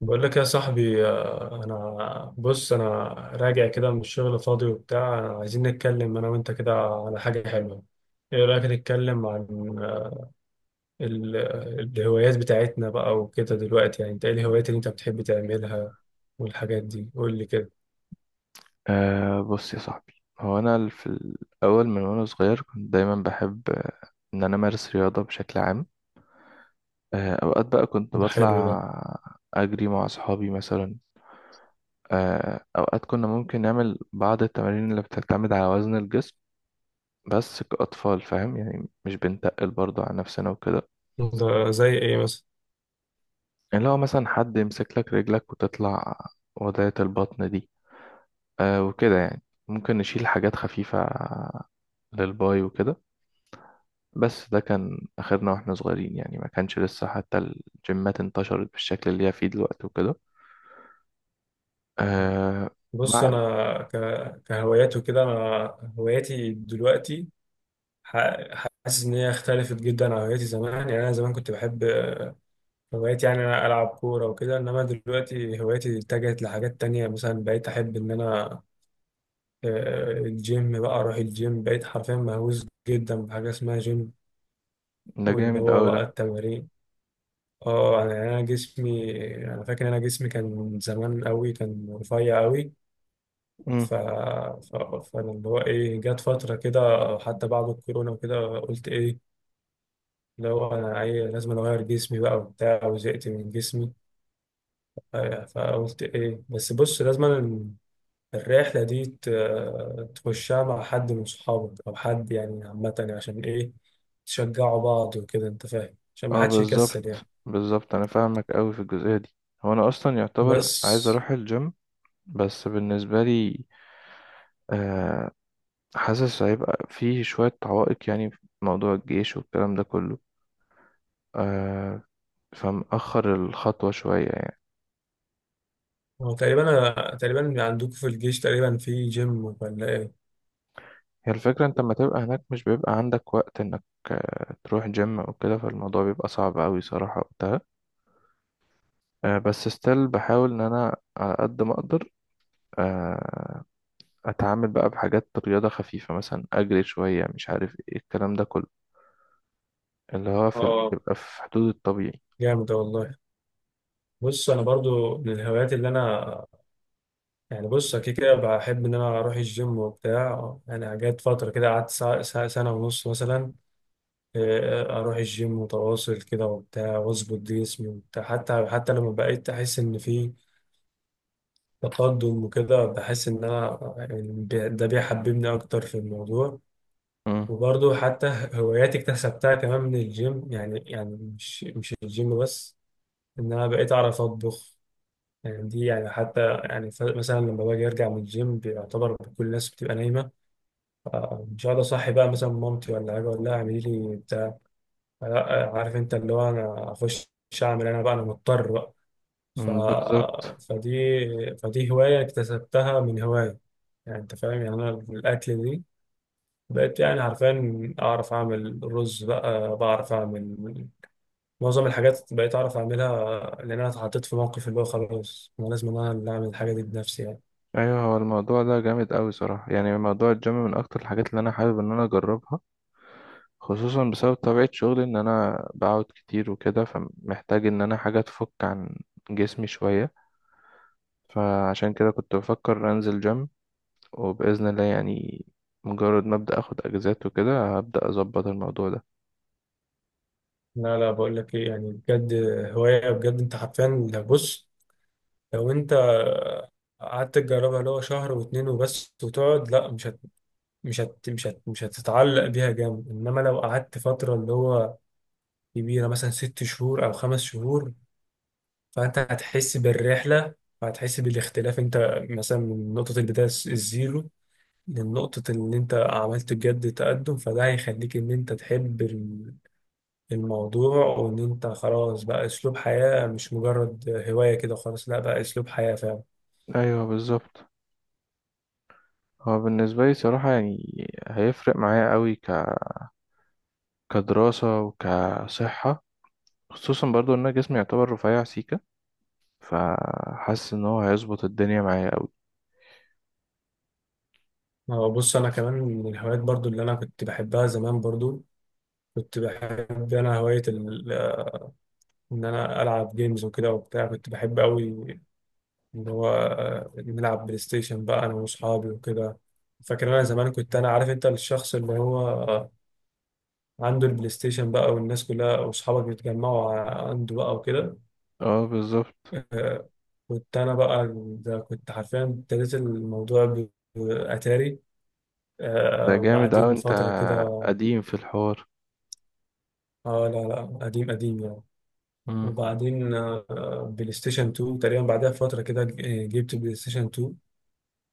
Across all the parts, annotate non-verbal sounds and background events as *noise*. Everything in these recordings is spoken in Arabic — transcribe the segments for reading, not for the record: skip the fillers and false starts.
بقول لك يا صاحبي، انا بص انا راجع كده من الشغل فاضي وبتاع. عايزين نتكلم انا وانت كده على حاجة حلوة. ايه رأيك نتكلم عن ال- الهوايات بتاعتنا بقى وكده دلوقتي؟ يعني انت ايه الهوايات اللي انت بتحب تعملها والحاجات دي؟ قول لي كده. بص يا صاحبي، هو أنا في الأول، من وأنا صغير كنت دايما بحب إن أنا أمارس رياضة بشكل عام. أوقات بقى كنت ده حلو ده. بطلع أجري مع أصحابي مثلا. أوقات كنا ممكن نعمل بعض التمارين اللي بتعتمد على وزن الجسم، بس كأطفال فاهم يعني، مش بنتقل برضه على نفسنا وكده. ده زي ايه مثلا؟ اللي هو مثلا حد يمسك لك رجلك وتطلع وضعية البطن دي. أه وكده يعني، ممكن نشيل حاجات خفيفة للباي وكده. بس ده كان آخرنا واحنا صغيرين يعني، ما كانش لسه حتى الجيمات انتشرت بالشكل اللي هي فيه دلوقتي وكده. آه. بص بعد. انا كهوايات وكده، انا هواياتي دلوقتي حاسس ان هي اختلفت جدا عن هواياتي زمان. يعني انا زمان كنت بحب هوايتي، يعني أنا ألعب كورة وكده، إنما دلوقتي هوايتي اتجهت لحاجات تانية. مثلا بقيت أحب إن أنا الجيم بقى، أروح الجيم. بقيت حرفيا مهووس جدا بحاجة اسمها جيم، ده واللي جامد هو أوي بقى ده. التمارين. اه، أنا يعني أنا جسمي، أنا فاكر إن أنا جسمي كان زمان أوي كان رفيع أوي. مم. ف... ف... فأنا اللي هو إيه، جت فترة كده، حتى بعد الكورونا وكده، قلت إيه، اللي هو أنا أي لازم أغير جسمي بقى وبتاع، وزهقت من جسمي. فقلت ايه، بس بص، لازم الرحلة دي تخشها مع حد من صحابك أو حد يعني، عامة يعني عشان إيه، تشجعوا بعض وكده أنت فاهم، عشان ما اه حدش يكسل بالظبط. يعني. بالظبط أنا فاهمك أوي في الجزئية دي. هو أنا أصلا يعتبر عايز بس أروح الجيم، بس بالنسبة لي آه، حاسس هيبقى فيه شوية عوائق يعني، في موضوع الجيش والكلام ده كله. آه. فمأخر الخطوة شوية يعني. هو تقريبا، أنا تقريبا عندكم في الجيش تقريبا في جيم ولا إيه؟ هي الفكرة، انت لما تبقى هناك مش بيبقى عندك وقت انك تروح جيم او كده، فالموضوع بيبقى صعب اوي صراحة وقتها. بس ستيل بحاول ان انا على قد ما اقدر آه، اتعامل بقى بحاجات رياضة خفيفة، مثلا اجري شوية مش عارف ايه الكلام ده كله، اللي هو في اه، يبقى في حدود الطبيعي. جامد والله. بص أنا برضو من الهوايات اللي أنا، يعني بص أكيد كده بحب إن أنا أروح الجيم وبتاع. يعني جت فترة كده قعدت سنة ونص مثلا، اروح الجيم متواصل كده وبتاع واظبط جسمي وبتاع، حتى لما بقيت احس ان في تقدم وكده، بحس ان انا يعني ده بيحببني اكتر في الموضوع. مم. وبرضه حتى *laughs* هواياتي اكتسبتها كمان من الجيم، يعني مش الجيم بس، ان انا بقيت اعرف اطبخ. يعني دي يعني، حتى يعني مثلا لما باجي ارجع من الجيم، بيعتبر كل الناس بتبقى نايمه. مش هقعد اصحي بقى مثلا مامتي ولا حاجه اقول لها اعملي لي. لا، عارف انت اللي هو انا اخش اعمل انا بقى، انا مضطر بقى. ف... مم، بالظبط. فدي فدي هواية اكتسبتها من هواية. يعني انت فاهم، يعني انا الاكل دي بقيت يعني حرفيا اعرف اعمل رز بقى، بعرف اعمل معظم الحاجات، بقيت اعرف اعملها، لان انا اتحطيت في موقف اللي هو خلاص انا لازم انا اللي اعمل الحاجة دي بنفسي يعني. ايوه، هو الموضوع ده جامد اوي صراحة يعني. موضوع الجيم من اكتر الحاجات اللي انا حابب ان انا اجربها، خصوصا بسبب طبيعة شغلي ان انا بقعد كتير وكده، فمحتاج ان انا حاجة تفك عن جسمي شوية. فعشان كده كنت بفكر انزل جيم، وبإذن الله يعني مجرد ما ابدأ اخد اجازات وكده هبدأ اظبط الموضوع ده. لا لا، بقول لك ايه، يعني بجد هواية بجد. انت حرفيا بص، لو انت قعدت تجربها اللي هو شهر واتنين وبس وتقعد، لا مش هتتعلق بيها جامد. انما لو قعدت فتره اللي هو كبيره، مثلا ست شهور او خمس شهور، فانت هتحس بالرحله وهتحس بالاختلاف. انت مثلا من نقطه البدايه الزيرو لنقطه ان انت عملت بجد تقدم، فده هيخليك ان انت تحب الموضوع، وان انت خلاص بقى اسلوب حياه مش مجرد هوايه. كده خلاص، لا بقى اسلوب حياه فعلا. ايوه بالظبط. هو بالنسبة لي صراحة يعني هيفرق معايا قوي كدراسة وكصحة، خصوصا برضو ان انا جسمي يعتبر رفيع سيكة، فحاسس ان هو هيظبط الدنيا معايا قوي. بص انا كمان من الهوايات برضو اللي انا كنت بحبها زمان. برضو كنت بحب انا هواية ان انا العب جيمز وكده وبتاع، كنت بحب قوي ان هو نلعب بلاي ستيشن بقى انا واصحابي وكده. فاكر انا زمان، كنت انا عارف انت الشخص اللي هو عنده البلاي ستيشن بقى، والناس كلها واصحابك بيتجمعوا عنده بقى وكده. اه بالظبط. آه، كنت انا بقى، ده كنت حرفيا ابتديت الموضوع باتاري. ده جامد أوي، وبعدين أنت فترة كده قديم في الحوار. اه، لا لا قديم قديم يعني. مم. وبعدين بلاي ستيشن 2 تقريبا، بعدها فترة كده جبت بلاي ستيشن 2.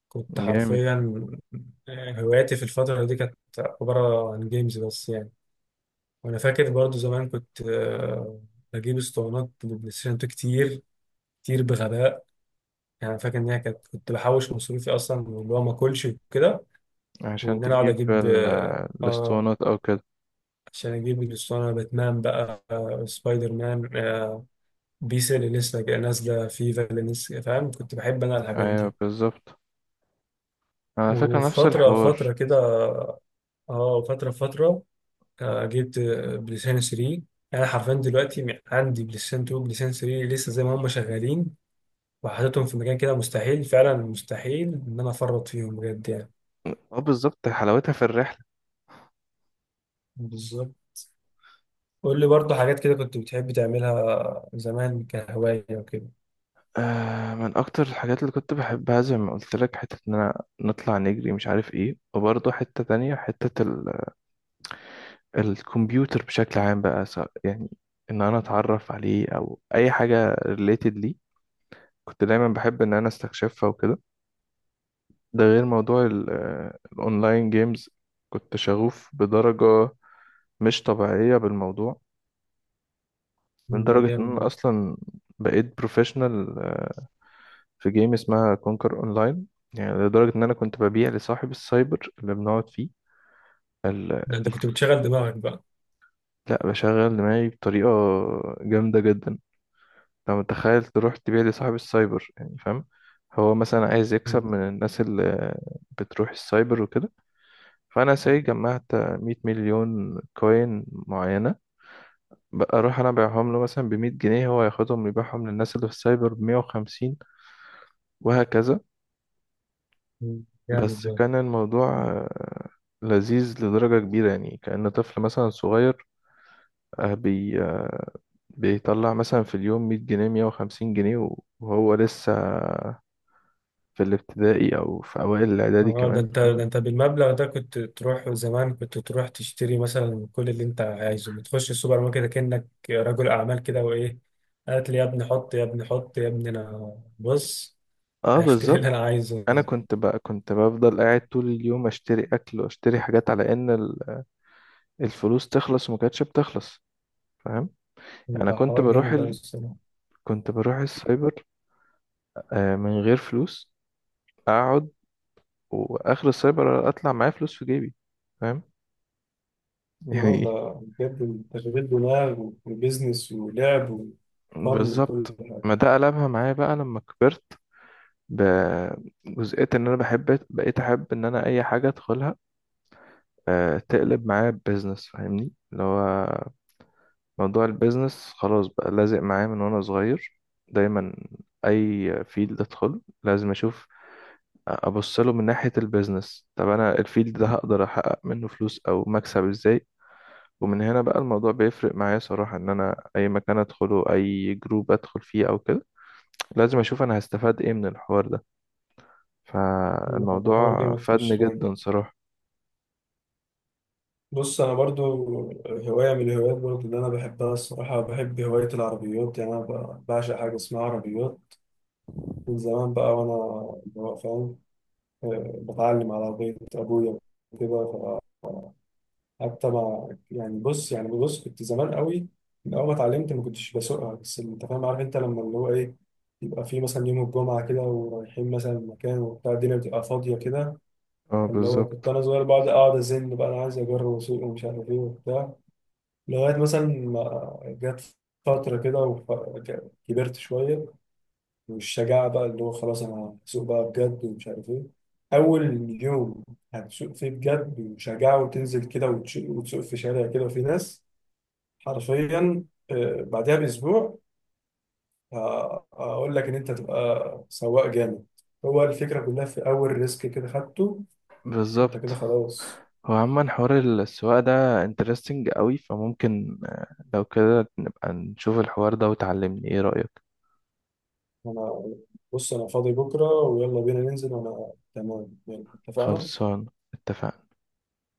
كنت جامد. حرفيا هواياتي في الفترة دي كانت عبارة عن جيمز بس يعني. وأنا فاكر برضو زمان كنت بجيب اسطوانات للبلاي ستيشن 2 كتير كتير بغباء. يعني فاكر إن هي كانت، كنت بحوش مصروفي أصلا واللي هو ما أكلش وكده، عشان وإن أنا أقعد تجيب أجيب الاسطوانات أو كده. عشان أجيب الأسطوانة باتمان بقى، سبايدر مان، بيس اللي لسه جاية نازلة، فيفا اللي لسه، فاهم كنت بحب أنا الحاجات دي. أيوة بالظبط، على فكرة نفس وفترة فترة الحوار. كده اه آه، فترة فترة آه، جبت بلسان 3. انا حرفيا دلوقتي عندي بلسان 2 بلسان 3 لسه زي ما هم شغالين، وحاططهم في مكان كده، مستحيل فعلا، مستحيل ان انا افرط فيهم بجد يعني. اه بالظبط، حلاوتها في الرحلة. بالظبط. قول لي برضه حاجات كده كنت بتحب تعملها زمان كهواية وكده. آه، من أكتر الحاجات اللي كنت بحبها زي ما قلت لك، حتة إن أنا نطلع نجري مش عارف إيه، وبرضه حتة تانية، حتة الكمبيوتر بشكل عام بقى، سواء يعني إن أنا أتعرف عليه أو أي حاجة ريليتد ليه، كنت دايما بحب إن أنا استكشفها وكده. ده غير موضوع الاونلاين جيمز، كنت شغوف بدرجة مش طبيعية بالموضوع، من مم، ده درجة ان جامد انا ده. اصلا بقيت بروفيشنال في جيم اسمها كونكر اونلاين. يعني لدرجة ان انا كنت ببيع لصاحب السايبر اللي بنقعد فيه ال... ده انت ال... كنت بتشغل دماغك بقى. لا، بشغل دماغي بطريقة جامدة جدا. لو متخيل تروح تبيع لصاحب السايبر يعني فاهم، هو مثلا عايز مم. يكسب من الناس اللي بتروح السايبر وكده، فانا ساي جمعت 100 مليون كوين معينه، بقى اروح انا ابيعهم له مثلا ب 100 جنيه، هو ياخدهم يبيعهم للناس اللي في السايبر ب 150، وهكذا. مم، جامد بس ده. كان الموضوع لذيذ لدرجه كبيره يعني، كأن طفل مثلا صغير آه، بي آه، بيطلع مثلا في اليوم 100 جنيه، 150 جنيه، وهو لسه في الابتدائي او في اوائل الاعدادي اه، ده كمان، انت فاهم. ده انت بالمبلغ ده كنت تروح زمان، كنت تروح تشتري مثلا كل اللي انت عايزه، بتخش السوبر ماركت كأنك رجل اعمال كده وايه، هات لي يا ابني، حط يا ابني، حط يا ابني، انا بص اه هشتري اللي بالظبط. انا عايزه. انا كنت بقى، كنت بفضل قاعد طول اليوم اشتري اكل واشتري حاجات على ان الفلوس تخلص، وما كانتش بتخلص، فاهم يعني. انا ده كنت حوار بروح جامد قوي الصراحه. كنت بروح السايبر من غير فلوس، اقعد، واخر السايبر اطلع معايا فلوس في جيبي، فاهم *laughs* اه ده، يعني. بجد تشغيل دماغ وبيزنس ولعب وفن وكل بالظبط. حاجه. ما ده قلبها معايا بقى لما كبرت، بجزئية ان انا بحب، بقيت احب ان انا اي حاجة ادخلها تقلب معايا بيزنس، فاهمني. اللي هو موضوع البيزنس خلاص بقى لازق معايا من وانا صغير، دايما اي فيلد ادخل لازم اشوف ابص له من ناحية البيزنس، طب انا الفيلد ده هقدر احقق منه فلوس او مكسب ازاي. ومن هنا بقى الموضوع بيفرق معايا صراحة، ان انا اي مكان ادخله، اي جروب ادخل فيه او كده، لازم اشوف انا هستفاد ايه من الحوار ده. ده حوار فالموضوع جامد فادني فشخ. جدا صراحة. بص انا برضو هوايه من الهوايات برضو اللي انا بحبها الصراحه، بحب هوايه العربيات. يعني انا بعشق حاجه اسمها عربيات من زمان بقى. وانا اللي هو فاهم، بتعلم على عربيه ابويا وكده. فحتى ما يعني، بص يعني، بص كنت زمان قوي، من اول ما اتعلمت ما كنتش بسوقها، بس انت فاهم، عارف انت لما اللي هو ايه، يبقى في مثلا يوم الجمعه كده ورايحين مثلا مكان وبتاع، الدنيا بتبقى فاضيه كده، اه اللي هو كنت بالظبط. انا صغير بقعد اقعد ازن بقى انا عايز اجرب اسوق ومش عارف ايه وبتاع. لغاية مثلا ما جت فترة كده وكبرت شوية والشجاعة بقى، اللي هو خلاص أنا هسوق بقى بجد ومش عارف إيه. أول يوم هتسوق فيه بجد وشجاعة، وتنزل كده وتسوق في شارع كده وفي ناس. حرفيا بعدها بأسبوع، أقول لك إن أنت تبقى سواق جامد. هو الفكرة كلها في أول ريسك كده خدته، أنت كده بالظبط. خلاص. هو عموما حوار السواقة ده انترستنج قوي، فممكن لو كده نبقى نشوف الحوار ده وتعلمني، ايه رأيك؟ أنا بص، أنا فاضي بكرة ويلا بينا ننزل وأنا تمام يعني، اتفقنا. خلصان، اتفقنا.